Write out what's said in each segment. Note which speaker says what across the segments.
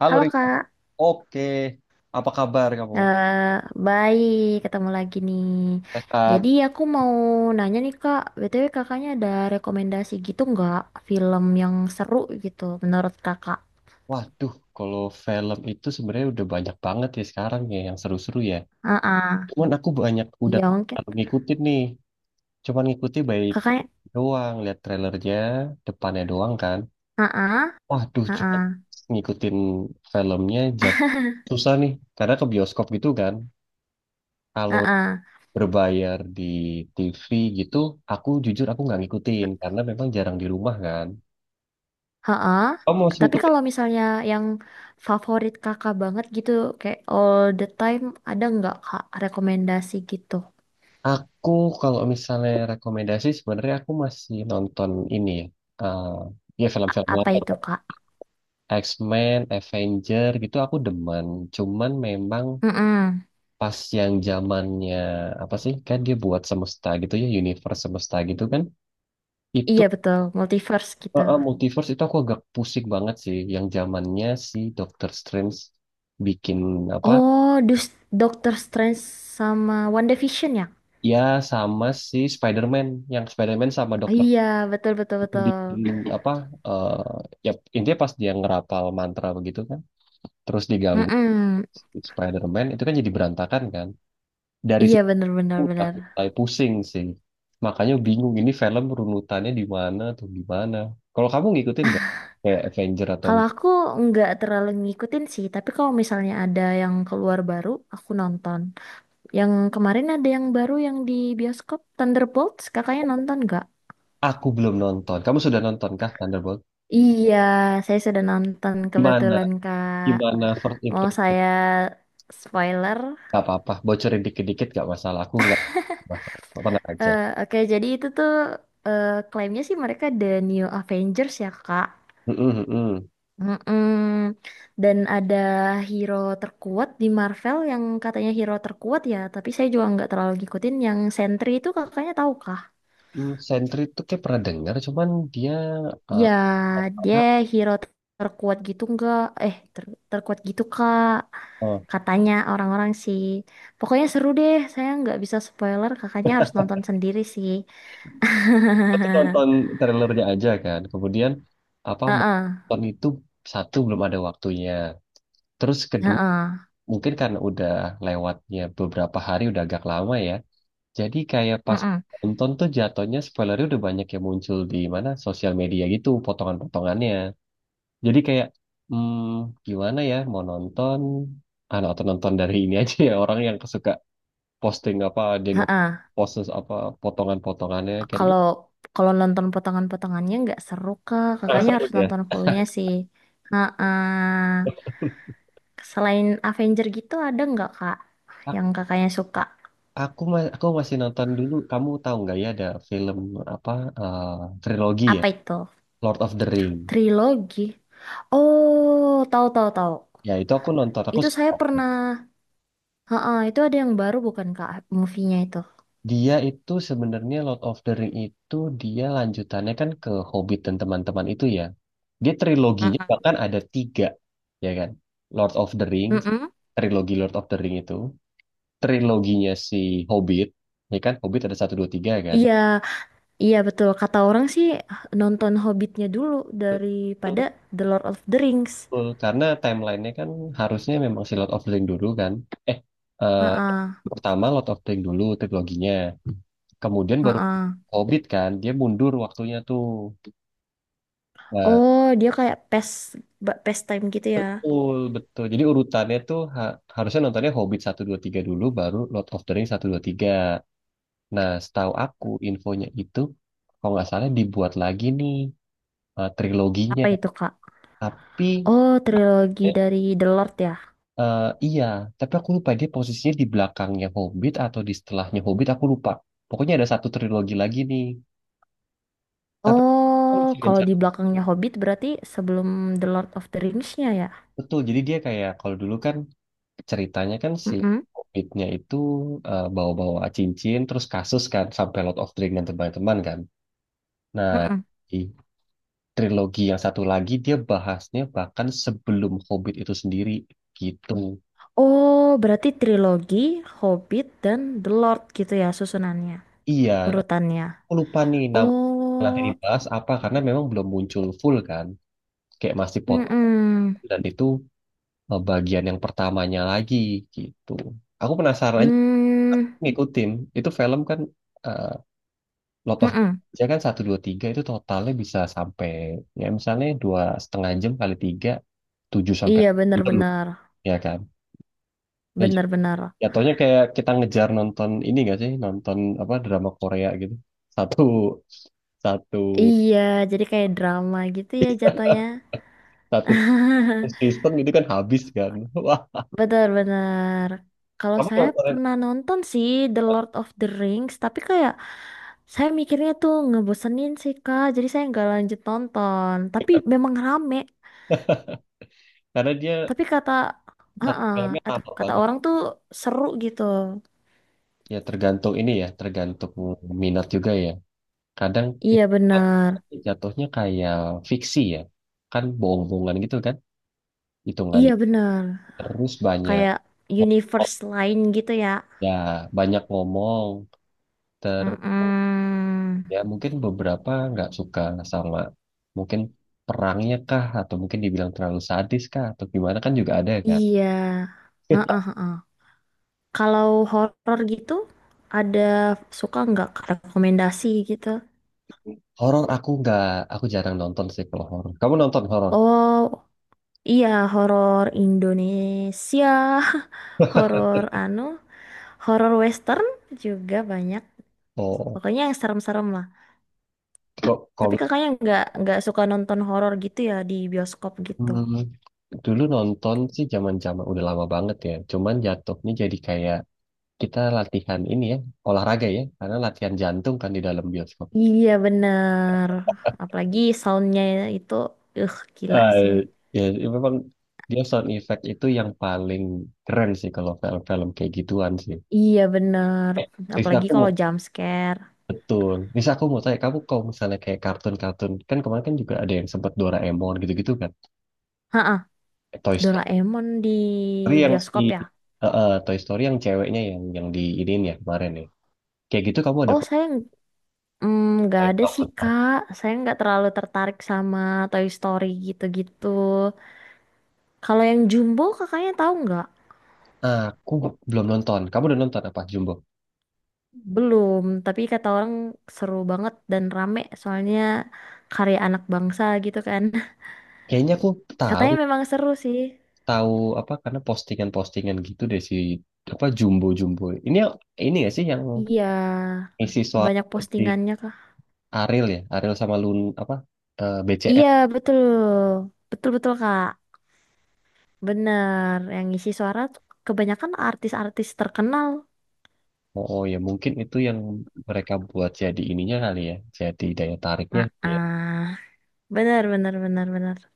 Speaker 1: Halo
Speaker 2: Halo
Speaker 1: Rika,
Speaker 2: Kak,
Speaker 1: oke. Apa kabar kamu?
Speaker 2: eh baik ketemu lagi nih.
Speaker 1: Sehat.
Speaker 2: Jadi aku mau nanya nih Kak, BTW kakaknya ada rekomendasi gitu nggak film yang seru gitu menurut kakak?
Speaker 1: Waduh, kalau film itu sebenarnya udah banyak banget ya sekarang ya yang seru-seru ya.
Speaker 2: Heeh,
Speaker 1: Cuman aku banyak udah
Speaker 2: iya mungkin.
Speaker 1: ngikutin nih. Cuman ngikutin baik
Speaker 2: Kakaknya,
Speaker 1: doang, lihat trailernya, depannya doang kan.
Speaker 2: heeh,
Speaker 1: Waduh, juga
Speaker 2: heeh,
Speaker 1: ngikutin filmnya jap susah nih. Karena ke bioskop gitu kan. Kalau
Speaker 2: heeh,
Speaker 1: berbayar di TV gitu, aku jujur nggak ngikutin karena memang jarang di rumah kan.
Speaker 2: heeh.
Speaker 1: Kamu mau
Speaker 2: Tapi
Speaker 1: ngikutin.
Speaker 2: kalau misalnya yang favorit kakak banget gitu, kayak all the time, ada nggak Kak rekomendasi gitu?
Speaker 1: Aku kalau misalnya rekomendasi sebenarnya aku masih nonton ini ya. eh, Ya, film-film
Speaker 2: Apa
Speaker 1: lama.
Speaker 2: itu Kak?
Speaker 1: X-Men, Avenger gitu aku demen. Cuman memang
Speaker 2: Mm-mm.
Speaker 1: pas yang zamannya apa sih? Kan dia buat semesta gitu ya, universe semesta gitu kan. Itu
Speaker 2: Iya betul, multiverse gitu.
Speaker 1: Multiverse itu aku agak pusing banget sih yang zamannya si Doctor Strange bikin apa?
Speaker 2: Oh, Doctor Strange sama WandaVision ya?
Speaker 1: Ya sama si Spider-Man, yang Spider-Man sama Doctor
Speaker 2: Iya, betul betul
Speaker 1: di
Speaker 2: betul.
Speaker 1: apa. eh, Ya, intinya pas dia ngerapal mantra begitu kan terus diganggu
Speaker 2: Mm-mm.
Speaker 1: si Spider-Man itu kan jadi berantakan kan. Dari
Speaker 2: Iya
Speaker 1: situ
Speaker 2: bener bener
Speaker 1: udah
Speaker 2: bener.
Speaker 1: mulai pusing sih, makanya bingung ini film runutannya di mana tuh di mana. Kalau kamu ngikutin nggak kayak Avenger atau
Speaker 2: Kalau aku nggak terlalu ngikutin sih, tapi kalau misalnya ada yang keluar baru, aku nonton. Yang kemarin ada yang baru yang di bioskop Thunderbolts, kakaknya nonton nggak?
Speaker 1: aku belum nonton? Kamu sudah nonton kah Thunderbolt?
Speaker 2: Iya, saya sudah nonton
Speaker 1: Gimana,
Speaker 2: kebetulan Kak.
Speaker 1: gimana first
Speaker 2: Mau
Speaker 1: impression?
Speaker 2: saya spoiler?
Speaker 1: Nggak apa-apa, bocorin dikit-dikit nggak masalah, aku nggak masalah, tenang aja.
Speaker 2: Oke, jadi itu tuh klaimnya sih mereka The New Avengers ya Kak.
Speaker 1: Mm-mm, mm-mm.
Speaker 2: Mm-mm. Dan ada hero terkuat di Marvel yang katanya hero terkuat ya, tapi saya juga nggak terlalu ngikutin yang Sentry itu kakaknya tahu kah?
Speaker 1: Hmm, Sentry itu kayak pernah dengar, cuman dia eh,
Speaker 2: Ya, dia
Speaker 1: nah,
Speaker 2: hero terkuat gitu nggak? Terkuat gitu kak?
Speaker 1: oh,
Speaker 2: Katanya orang-orang sih. Pokoknya seru deh, saya nggak bisa spoiler, kakaknya harus nonton sendiri sih.
Speaker 1: aku tuh nonton trailernya aja kan. Kemudian apa mau
Speaker 2: Heeh,
Speaker 1: nonton itu, satu belum ada waktunya. Terus kedua
Speaker 2: heeh,
Speaker 1: mungkin karena udah lewatnya beberapa hari udah agak lama ya. Jadi kayak pas
Speaker 2: heeh,
Speaker 1: nonton tuh jatuhnya spoilernya udah banyak yang muncul di mana sosial media gitu potongan-potongannya. Jadi kayak hmm, gimana ya mau nonton ah, atau nonton dari ini aja ya orang yang suka posting apa dia
Speaker 2: heeh.
Speaker 1: ngepost apa potongan-potongannya kayaknya.
Speaker 2: Kalau kalau nonton potongan-potongannya nggak seru kak.
Speaker 1: Nggak
Speaker 2: Kakaknya
Speaker 1: seru
Speaker 2: harus
Speaker 1: ya.
Speaker 2: nonton fullnya sih. Nah, selain Avenger gitu ada nggak kak yang kakaknya suka?
Speaker 1: Aku ma- aku masih nonton dulu. Kamu tahu nggak ya ada film apa, eh, trilogi ya,
Speaker 2: Apa itu?
Speaker 1: Lord of the Ring.
Speaker 2: Trilogi. Oh, tahu tahu tahu.
Speaker 1: Ya itu aku nonton. Aku
Speaker 2: Itu saya
Speaker 1: suka.
Speaker 2: pernah. Heeh, itu ada yang baru bukan kak? Movie-nya itu.
Speaker 1: Dia itu sebenarnya Lord of the Ring itu dia lanjutannya kan ke Hobbit dan teman-teman itu ya. Dia triloginya
Speaker 2: Mm-mm.
Speaker 1: bahkan ada tiga ya kan. Lord of the Ring,
Speaker 2: Mm-mm.
Speaker 1: trilogi Lord of the Ring itu, triloginya si Hobbit, ya kan Hobbit ada satu dua tiga kan.
Speaker 2: Iya, iya betul. Kata orang sih nonton Hobbitnya dulu daripada The Lord of the Rings.
Speaker 1: Betul, karena timelinenya kan harusnya memang si Lord of the Ring dulu kan. Eh, eh,
Speaker 2: Heeh,
Speaker 1: Pertama Lord of the Ring dulu triloginya. Kemudian baru
Speaker 2: heeh.
Speaker 1: Hobbit kan, dia mundur waktunya tuh. Nah,
Speaker 2: Oh, dia kayak past time gitu ya.
Speaker 1: betul, betul. Jadi urutannya tuh ha- harusnya nontonnya Hobbit satu 2 3 dulu, baru Lord of the Ring satu 2 3. Nah, setahu aku infonya itu, kalau nggak salah dibuat lagi nih triloginya.
Speaker 2: Apa itu, Kak?
Speaker 1: Tapi
Speaker 2: Oh, trilogi
Speaker 1: eh,
Speaker 2: dari The Lord ya.
Speaker 1: Iya, tapi aku lupa dia posisinya di belakangnya Hobbit atau di setelahnya Hobbit, aku lupa. Pokoknya ada satu trilogi lagi nih. Tapi aku
Speaker 2: Oh,
Speaker 1: masih
Speaker 2: kalau
Speaker 1: baca.
Speaker 2: di belakangnya Hobbit berarti sebelum The Lord of the Rings-nya ya.
Speaker 1: Betul, jadi dia kayak kalau dulu kan ceritanya kan si
Speaker 2: Mm-mm.
Speaker 1: Hobbitnya itu bawa-bawa cincin terus kasus kan sampai Lord of the Ring dan teman-teman kan. Nah,
Speaker 2: Mm-mm.
Speaker 1: di trilogi yang satu lagi dia bahasnya bahkan sebelum Hobbit itu sendiri gitu.
Speaker 2: Oh, berarti trilogi Hobbit dan The Lord gitu ya susunannya,
Speaker 1: Iya,
Speaker 2: urutannya.
Speaker 1: aku lupa nih nama nanti
Speaker 2: Oh,
Speaker 1: dibahas apa karena memang belum muncul full kan. Kayak masih potong
Speaker 2: mm-mm.
Speaker 1: dan itu bagian yang pertamanya lagi gitu. Aku penasaran aja
Speaker 2: Mm,
Speaker 1: ngikutin. Itu film kan eh lot of
Speaker 2: mm-mm.
Speaker 1: saya kan satu dua tiga itu totalnya bisa sampai ya misalnya dua setengah jam kali tiga, tujuh sampai
Speaker 2: Iya,
Speaker 1: 8 jam
Speaker 2: benar-benar,
Speaker 1: ya kan. Ya, j-
Speaker 2: benar-benar.
Speaker 1: jatuhnya kayak kita ngejar nonton ini gak sih nonton apa drama Korea gitu, satu satu
Speaker 2: Iya, jadi kayak drama gitu ya jatuhnya.
Speaker 1: satu season itu kan habis kan. Wah,
Speaker 2: Benar-benar. Kalau
Speaker 1: kamu
Speaker 2: saya
Speaker 1: nontonin
Speaker 2: pernah nonton sih The Lord of the Rings, tapi kayak saya mikirnya tuh ngebosenin sih Kak, jadi saya nggak lanjut nonton. Tapi
Speaker 1: apa, kan?
Speaker 2: memang rame.
Speaker 1: Karena dia
Speaker 2: Tapi kata,
Speaker 1: satu
Speaker 2: ah,
Speaker 1: filmnya
Speaker 2: Aduh,
Speaker 1: lama
Speaker 2: kata
Speaker 1: banget.
Speaker 2: orang tuh seru gitu.
Speaker 1: Ya tergantung ini ya, tergantung minat juga ya. Kadang
Speaker 2: Iya
Speaker 1: itu
Speaker 2: benar,
Speaker 1: jatuhnya kayak fiksi ya, kan bohong-bohongan gitu kan, hitungan
Speaker 2: iya benar.
Speaker 1: terus banyak
Speaker 2: Kayak
Speaker 1: ngomong.
Speaker 2: universe lain gitu ya.
Speaker 1: Ya, banyak ngomong terus
Speaker 2: Mm-mm.
Speaker 1: ya mungkin beberapa nggak suka sama mungkin perangnya kah atau mungkin dibilang terlalu sadis kah atau gimana kan juga ada ya kan.
Speaker 2: Iya. Heeh. Kalau horror gitu, ada suka nggak rekomendasi gitu?
Speaker 1: Horor aku nggak, aku jarang nonton sih kalau horor. Kamu nonton horor?
Speaker 2: Oh. Iya, horor Indonesia, horor anu, horor Western juga banyak.
Speaker 1: Oh,
Speaker 2: Pokoknya yang serem-serem lah. Tapi
Speaker 1: kok
Speaker 2: kakaknya nggak suka nonton horor gitu ya di bioskop gitu.
Speaker 1: hmm, dulu nonton sih zaman-zaman udah lama banget ya. Cuman jatuhnya jadi kayak kita latihan ini ya, olahraga ya, karena latihan jantung kan di dalam bioskop.
Speaker 2: Iya bener. Apalagi soundnya itu, gila sih.
Speaker 1: Eh, Ya, memang dia sound effect itu yang paling keren sih kalau film-film kayak gituan sih.
Speaker 2: Iya bener.
Speaker 1: Eh, Risa
Speaker 2: Apalagi
Speaker 1: aku
Speaker 2: kalau
Speaker 1: mau
Speaker 2: jump scare.
Speaker 1: betul. Risa aku mau tanya kamu kalau misalnya kayak kartun-kartun kan kemarin kan juga ada yang sempet Doraemon gitu-gitu kan.
Speaker 2: Ha,
Speaker 1: Toy Story
Speaker 2: Doraemon di
Speaker 1: yang si
Speaker 2: bioskop ya.
Speaker 1: Toy Story yang ceweknya yang di ini ya kemarin ya. Kayak gitu kamu ada.
Speaker 2: Oh, nggak ada sih Kak, saya nggak terlalu tertarik sama Toy Story gitu-gitu. Kalau yang Jumbo kakaknya tahu nggak?
Speaker 1: Aku belum nonton. Kamu udah nonton apa Jumbo?
Speaker 2: Belum, tapi kata orang seru banget dan rame soalnya karya anak bangsa gitu kan.
Speaker 1: Kayaknya aku tahu,
Speaker 2: Katanya memang seru sih.
Speaker 1: tahu apa karena postingan-postingan gitu deh si apa Jumbo Jumbo. Ini gak sih yang
Speaker 2: Iya,
Speaker 1: isi soal
Speaker 2: banyak
Speaker 1: si
Speaker 2: postingannya Kak.
Speaker 1: Ariel ya? Ariel sama Lun apa
Speaker 2: Iya,
Speaker 1: BCL.
Speaker 2: betul. Betul-betul Kak. Bener, yang ngisi suara tuh kebanyakan artis-artis terkenal.
Speaker 1: Oh, oh ya mungkin itu yang mereka buat jadi ininya kali ya. Jadi daya tariknya gitu ya.
Speaker 2: Ah, bener, bener, bener, bener.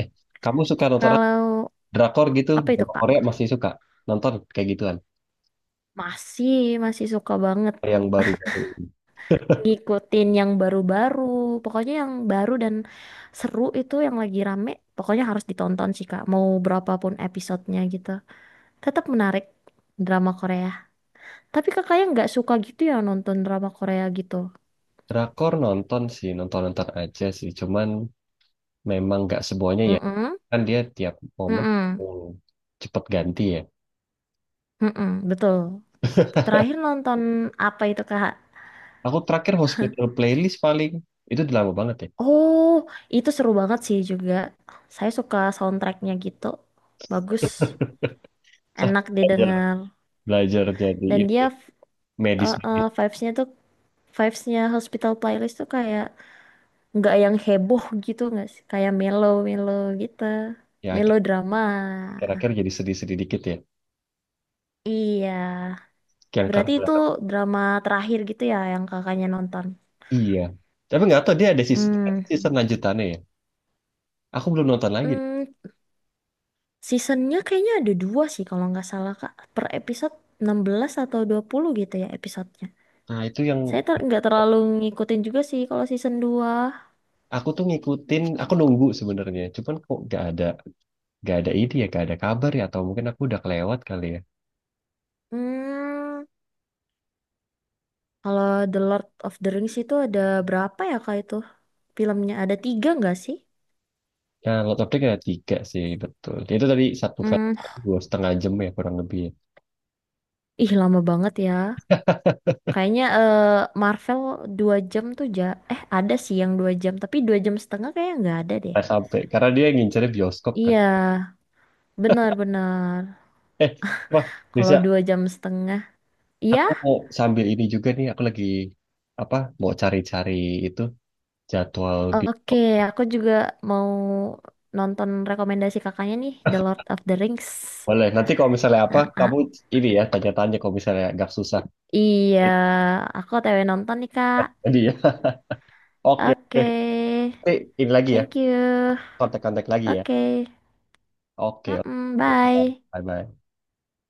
Speaker 1: Eh, kamu suka nonton apa?
Speaker 2: Kalau
Speaker 1: Drakor gitu?
Speaker 2: apa itu
Speaker 1: Drama
Speaker 2: Kak?
Speaker 1: Korea masih suka nonton kayak gituan
Speaker 2: Masih, masih suka banget
Speaker 1: yang baru-baru?
Speaker 2: ngikutin yang baru-baru. Pokoknya yang baru dan seru itu yang lagi rame, pokoknya harus ditonton sih Kak. Mau berapapun episodenya gitu. Tetap menarik drama Korea. Tapi kakaknya nggak suka gitu ya nonton drama Korea gitu.
Speaker 1: Drakor nonton sih, nonton-nonton aja sih. Cuman memang nggak semuanya ya.
Speaker 2: Mm-mm,
Speaker 1: Kan dia tiap momen
Speaker 2: mm-mm,
Speaker 1: hmm, cepet ganti ya.
Speaker 2: mm-mm, betul. Terakhir nonton apa itu Kak?
Speaker 1: Aku terakhir hospital playlist paling itu udah lama banget ya.
Speaker 2: Oh, itu seru banget sih juga. Saya suka soundtracknya gitu. Bagus,
Speaker 1: Saya
Speaker 2: enak
Speaker 1: belajar,
Speaker 2: didengar.
Speaker 1: belajar jadi
Speaker 2: Dan
Speaker 1: ini
Speaker 2: dia
Speaker 1: ya, medis
Speaker 2: eh, eh, vibes-nya tuh vibes-nya Hospital Playlist tuh kayak nggak yang heboh gitu nggak sih? Kayak mellow-mellow gitu.
Speaker 1: ya
Speaker 2: Melodrama.
Speaker 1: akhir-akhir jadi sedih-sedih dikit ya.
Speaker 2: Iya.
Speaker 1: Yang karena
Speaker 2: Berarti itu drama terakhir gitu ya yang kakaknya nonton.
Speaker 1: iya. Tapi nggak tahu dia ada season,
Speaker 2: Hmm.
Speaker 1: season lanjutannya ya. Aku belum nonton lagi.
Speaker 2: Hmm, seasonnya kayaknya ada dua sih kalau nggak salah Kak. Per episode 16 atau 20 gitu ya episodenya.
Speaker 1: Nah itu yang
Speaker 2: Saya nggak terlalu ngikutin juga sih kalau season dua.
Speaker 1: aku tuh ngikutin, aku nunggu sebenarnya. Cuman kok nggak ada ini ya, nggak ada kabar ya. Atau mungkin aku udah kelewat kali ya.
Speaker 2: Hmm. Kalau The Lord of the Rings itu ada berapa ya kak itu? Filmnya ada tiga nggak sih?
Speaker 1: Nah, lot of Drink ada tiga sih, betul. Ya, itu tadi satu film,
Speaker 2: Hmm,
Speaker 1: dua setengah jam ya kurang lebih ya.
Speaker 2: ih lama banget ya. Kayaknya Marvel 2 jam tuh. Ada sih yang 2 jam, tapi 2,5 jam kayaknya nggak ada deh.
Speaker 1: Nah, sampai, karena dia ngincernya bioskop kan.
Speaker 2: Iya, benar-benar.
Speaker 1: Eh, wah,
Speaker 2: Kalau
Speaker 1: Nisa,
Speaker 2: 2,5 jam, iya.
Speaker 1: aku mau sambil ini juga nih, aku lagi, apa, mau cari-cari itu, jadwal
Speaker 2: Oke,
Speaker 1: bioskop.
Speaker 2: aku juga mau nonton rekomendasi kakaknya nih, The Lord of the Rings.
Speaker 1: Boleh, nanti kalau misalnya apa,
Speaker 2: Ah,
Speaker 1: kamu
Speaker 2: ah.
Speaker 1: ini ya, tanya-tanya kalau misalnya agak susah.
Speaker 2: Iya, aku TW nonton nih kak.
Speaker 1: Jadi ya, oke, oke.
Speaker 2: Oke,
Speaker 1: Nanti ini lagi ya,
Speaker 2: thank you.
Speaker 1: kontak-kontak lagi ya.
Speaker 2: Oke,
Speaker 1: Oke, oke.
Speaker 2: Mm-mm, bye.
Speaker 1: Bye-bye.